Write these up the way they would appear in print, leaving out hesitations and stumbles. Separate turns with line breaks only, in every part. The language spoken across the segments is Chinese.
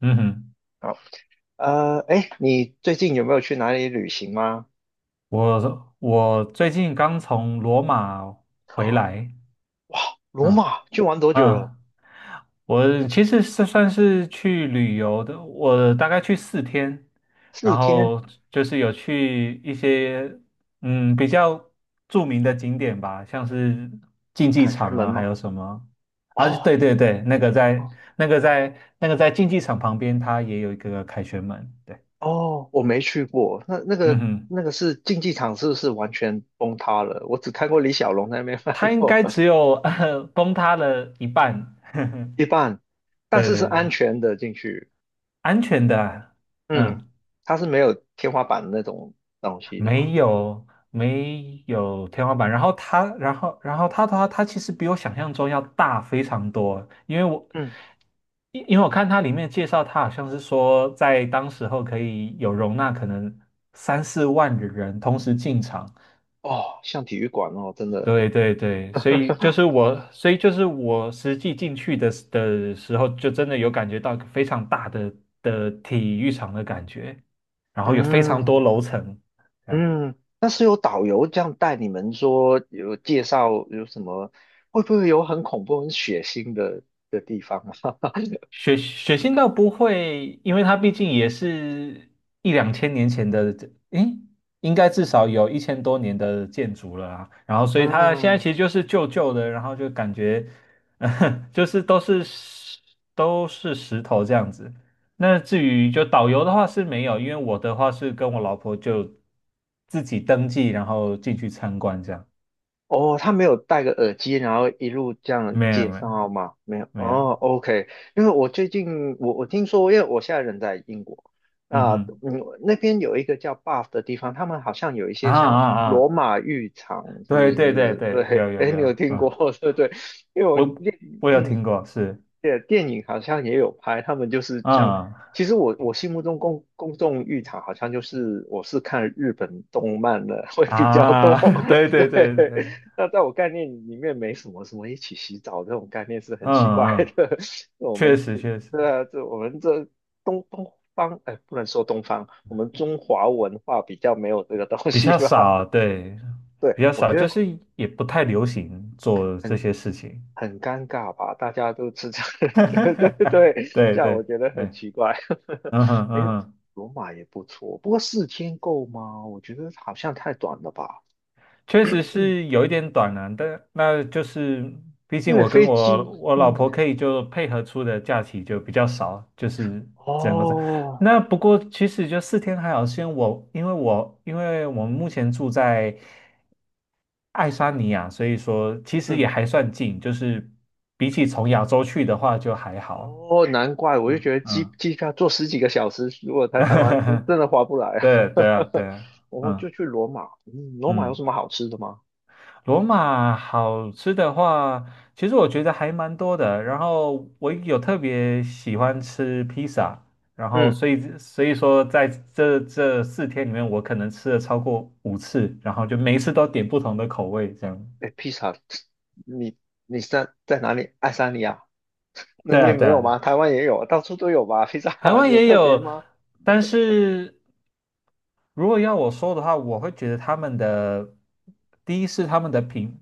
嗯哼，
好，哎，你最近有没有去哪里旅行吗？
我最近刚从罗马回来，
哇，罗
嗯
马去玩多久了？
嗯，我其实是算是去旅游的，我大概去四天，
四
然
天？
后就是有去一些比较著名的景点吧，像是竞技
凯旋
场
门
啊，还
吗？
有什么啊？
哦
对对对，那个在那个在那个在竞技场旁边，它也有一个凯旋门，对，
哦，我没去过。那那
嗯
个
哼。
那个是竞技场，是不是完全崩塌了？我只看过李小龙在那边翻
它应
过
该只有崩塌了一半。
一半，但
对
是是
对
安
对，
全的进去。
安全的啊
嗯，
嗯，
它是没有天花板那种东西的嘛。
没有没有天花板。然后它，然后然后它它它其实比我想象中要大非常多，因为我
嗯，
因因为我看它里面介绍，它好像是说在当时候可以有容纳可能三四万的人同时进场，
哦，像体育馆哦，真的。
对对对，所以 就是我，所以就是我实际进去的时候，就真的有感觉到非常大的体育场的感觉，然后有非常多
嗯，
楼层，这样。
嗯，那是有导游这样带你们说，有介绍有什么，会不会有很恐怖、很血腥的地方啊？
血腥倒不会，因为它毕竟也是一两千年前的，诶，应该至少有一千多年的建筑了啊。然后，所以它现在
嗯，
其实就是旧旧的，然后就感觉，就是都是石头这样子。那至于就导游的话是没有，因为我的话是跟我老婆就自己登记，然后进去参观这样。
哦，他没有戴个耳机，然后一路这样
没有
介
没有
绍吗？没有，
没有，
哦，OK，因为我最近我听说，因为我现在人在英国，
嗯
啊，
哼，
嗯，那边有一个叫 BUFF 的地方，他们好像有一
啊
些像
啊
罗
啊，
马浴场，是不
对对对
是？
对，有
对，
有
哎，
有，
你有听
啊。
过？对对，因为我，
我我有
嗯，
听过，是，
对，电影好像也有拍，他们就是这样。
嗯
其实我心目中公众浴场好像就是我是看日本动漫的 会比较多，
啊，对对对
对。
对，
那在我概念里面没什么一起洗澡这种概念是很
嗯
奇怪
嗯，
的。我
确
们
实
对
确实
对啊，我们这东方哎，不能说东方，我们中华文化比较没有这个东
比
西
较
吧？
少，对，
对，
比较
我
少，
觉
就
得。
是也不太流行做这
很。
些事情，
很尴尬吧？大家都吃这，对对对，
对
这样我
对
觉得很
对，
奇怪。
嗯哼
哎，
嗯哼
罗马也不错，不过四天够吗？我觉得好像太短了吧，
确实是有一点短了，但那就是毕
因
竟
为
我跟
飞
我
机，
我老
嗯，
婆可以就配合出的假期就比较少，就是整个这样
哦，
那不过其实就四天还好，是因为我们目前住在爱沙尼亚，所以说其实
嗯，
也还算近，就是比起从亚洲去的话就还好。
哦，难怪，我就
嗯
觉得机
嗯，
机票坐十几个小时，如果在台湾真的划不来 啊。
对对啊 对啊，
我就
嗯
去罗马，嗯，罗马有
嗯。
什么好吃的吗？
罗马好吃的话，其实我觉得还蛮多的。然后我有特别喜欢吃披萨，然后
嗯。
所以说在这四天里面，我可能吃了超过5次，然后就每一次都点不同的口味这样。
哎，披萨，你你是在哪里？爱沙尼亚那
对啊，
边
对
没
啊，
有
对
吗？
啊
台湾也有，到处都有吧？披萨
台 湾
有
也
特别
有，
吗？
但是。如果要我说的话，我会觉得他们的第一是他们的饼，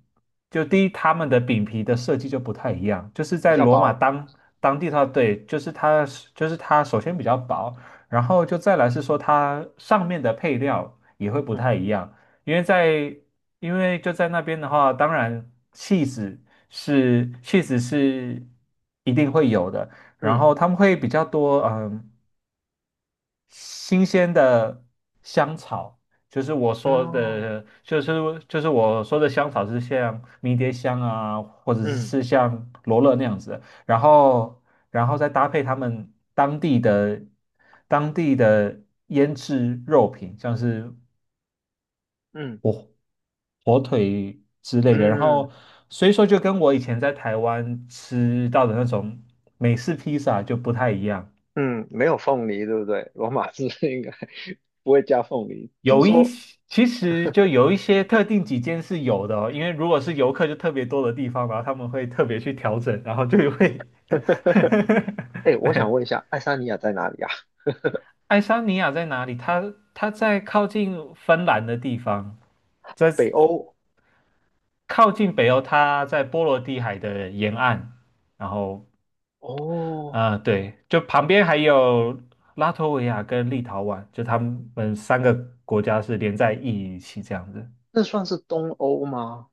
就第一他们的饼皮的设计就不太一样，就是
比
在
较
罗马
薄。
当地的话，对，就是它首先比较薄，然后就再来是说它上面的配料也会不太
嗯
一样，因为在因为就在那边的话，当然 cheese 是一定会有的，然
嗯
后他们会比较多，新鲜的香草，就是我说
哦
的，就是就是我说的香草是像迷迭香啊，或者是
嗯
是像罗勒那样子的然后然后再搭配他们当地的腌制肉品，像是
嗯
火火腿之类的，然
嗯
后所以说就跟我以前在台湾吃到的那种美式披萨就不太一样。
嗯，没有凤梨，对不对？罗马字 应该不会加凤梨。听
有一
说，
些，其实就有一些特定几间是有的哦，因为如果是游客就特别多的地方，然后他们会特别去调整，然后就会
哎，我想
对，
问一下，爱沙尼亚在哪里啊？
爱沙尼亚在哪里？它在靠近芬兰的地方，在
北欧
靠近北欧，它在波罗的海的沿岸，然后
哦，
对，就旁边还有拉脱维亚跟立陶宛，就他们三个国家是连在一起这样子。
那算是东欧吗？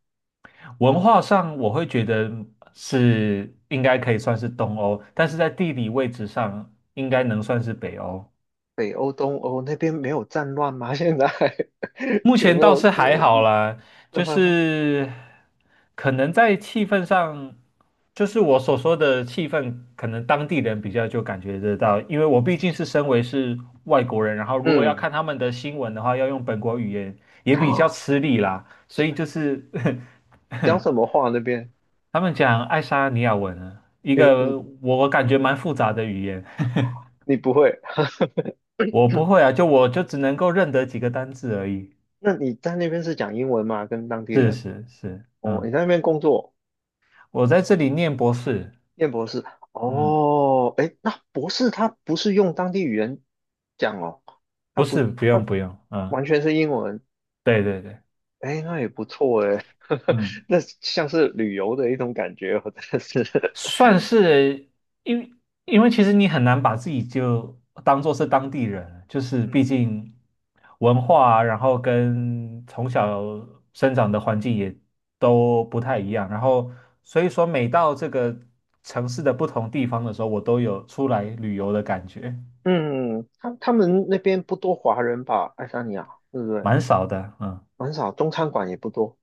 文化上，我会觉得是应该可以算是东欧，但是在地理位置上，应该能算是北欧。
北欧、东欧那边没有战乱吗？现在
目
有
前
没
倒
有？
是还好啦，
这
就
还好。
是可能在气氛上，就是我所说的气氛，可能当地人比较就感觉得到，因为我毕竟是身为是外国人，然后如果要
嗯，
看他们的新闻的话，要用本国语言也比较
哦
吃力啦，所以就是
讲什 么话那边？
他们讲爱沙尼亚文啊，一
你你
个我感觉蛮复杂的语言，
你不会？
我不会啊，就我就只能够认得几个单字而已。
那你在那边是讲英文吗？跟当地
是
人？
是是，
哦，你
嗯，
在那边工作，
我在这里念博士，
念博士？
嗯，
哦，诶，那博士他不是用当地语言讲哦，他
不
不，
是，不
他
用不用，嗯，
完全是英文。
对对对，
诶，那也不错诶，
嗯。
那像是旅游的一种感觉哦，真的是。
算是，因为因为其实你很难把自己就当做是当地人，就是
嗯
毕竟文化啊然后跟从小生长的环境也都不太一样，然后所以说每到这个城市的不同地方的时候，我都有出来旅游的感觉，
嗯，他们那边不多华人吧？爱沙尼亚，对不对？
蛮少的，嗯，
很少，中餐馆也不多。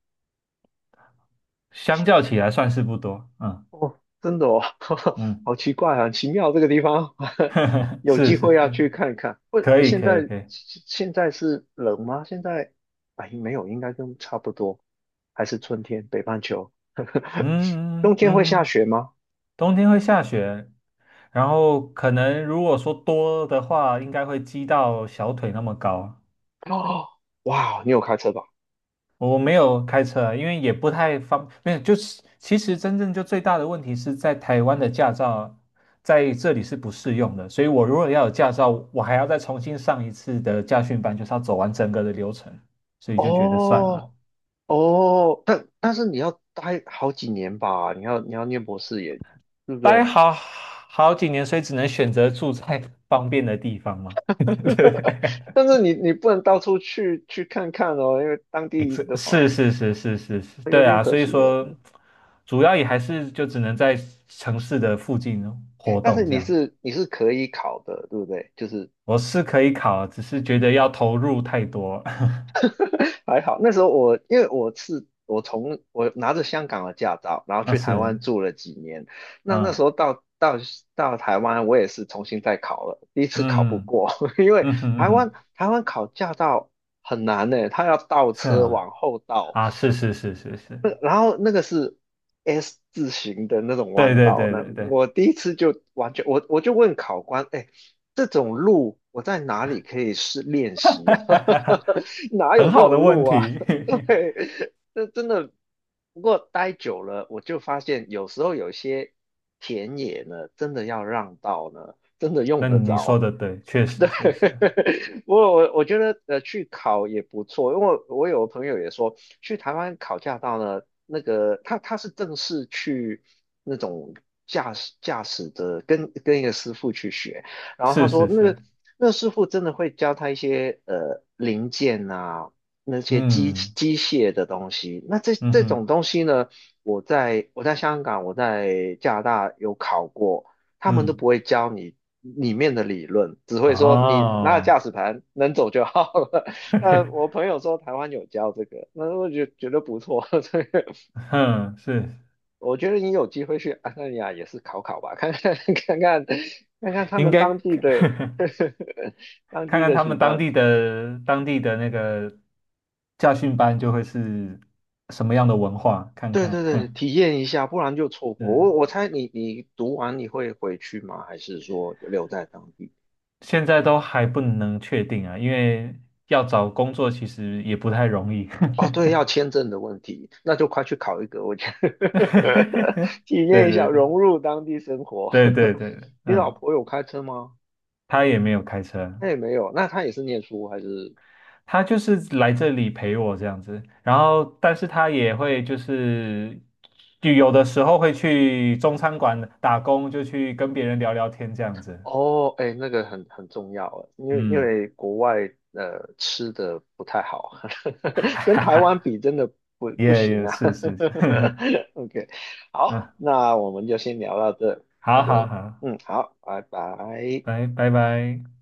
相较起来算是不多，嗯
哦，真的哦，
嗯，
好奇怪啊，很奇妙这个地方，有
是是
机会要
是，
去看看。不，
可以
现
可以
在
可以，
现在是冷吗？现在哎，没有，应该跟差不多，还是春天，北半球。
嗯
冬
嗯
天会
嗯，
下雪吗？
冬天会下雪。然后可能如果说多的话，应该会积到小腿那么高。
哦，哇，你有开车吧？
我没有开车啊因为也不太方，没有，就是其实真正就最大的问题是在台湾的驾照在这里是不适用的，所以我如果要有驾照，我还要再重新上一次的驾训班，就是要走完整个的流程，所以就觉得算了，
哦哦，但是你要待好几年吧？你要念博士也，对不
待
对？
好几年，所以只能选择住在 方便的地方嘛。对
但是你不能到处去看看哦，因为当地 的
是
话。
是是是是是，
有
对
点
啊，
可
所以
惜了。
说主要也还是就只能在城市的附近活
但是
动这
你
样。
是你是可以考的，对不对？就是
我是可以考，只是觉得要投入太多。
还好，那时候我因为我是我从我拿着香港的驾照，然后
那
去台
是，
湾住了几年。那那时
嗯
候到台湾，我也是重新再考了，第一次考不
嗯
过，因为
嗯嗯哼嗯
台湾
哼
台湾考驾照很难呢，他要倒
是
车
啊
往后倒，
啊，是是是是是，
那然后那个是 S 字形的那种
对
弯
对
道，
对
那
对对，
我第一次就完全，我就问考官，哎，这种路我在哪里可以试练习啊？哪有
很
这
好
种
的问
路啊？
题。
对，这真的。不过待久了，我就发现有时候有些田野呢，真的要让道呢，真的用
那
得
你说
着。
的对，确实确实
我觉得去考也不错，因为我有朋友也说去台湾考驾照呢，那个他是正式去那种驾驶的，跟一个师傅去学，然后他
是
说
是
那个
是，
那师傅真的会教他一些零件啊，那些机
嗯
机械的东西，那这
嗯
这种
哼
东西呢，我在香港我在加拿大有考过。他们都
嗯，
不会教你里面的理论，只会说你拿了驾
哦。
驶盘能走就好了。那我 朋友说台湾有教这个，那我就觉得不错。这个
哼，是
我觉得你有机会去安那尼亚也是考考吧，看看 看看他
应
们
该
当地
看看
的 当地
看
的
他
习
们当
惯。
地的当地的那个驾训班就会是什么样的文化，看
对
看。
对 对，
哼，
体验一下，不然就错过。
嗯，
我猜你读完你会回去吗？还是说留在当地？
现在都还不能确定啊，因为要找工作其实也不太容易。
哦，对，要签证的问题，那就快去考一个，我觉得 体验
对
一下
对
融
对
入当地生活。
对对对，对
你老
嗯，
婆有开车吗？
他也没有开车，
那也没有，那她也是念书还是？
他就是来这里陪我这样子，然后但是他也会就是就有的时候会去中餐馆打工，就去跟别人聊聊天这样子。
哦，哎，那个很重要啊，因为因
嗯，
为国外吃的不太好，
哈
跟
哈
台湾
哈，
比真的不
也
不行
也
啊。
是是，
OK,好，
嗯，
那我们就先聊到这，好
好好
的，
好，
嗯，好，拜拜。
拜拜拜。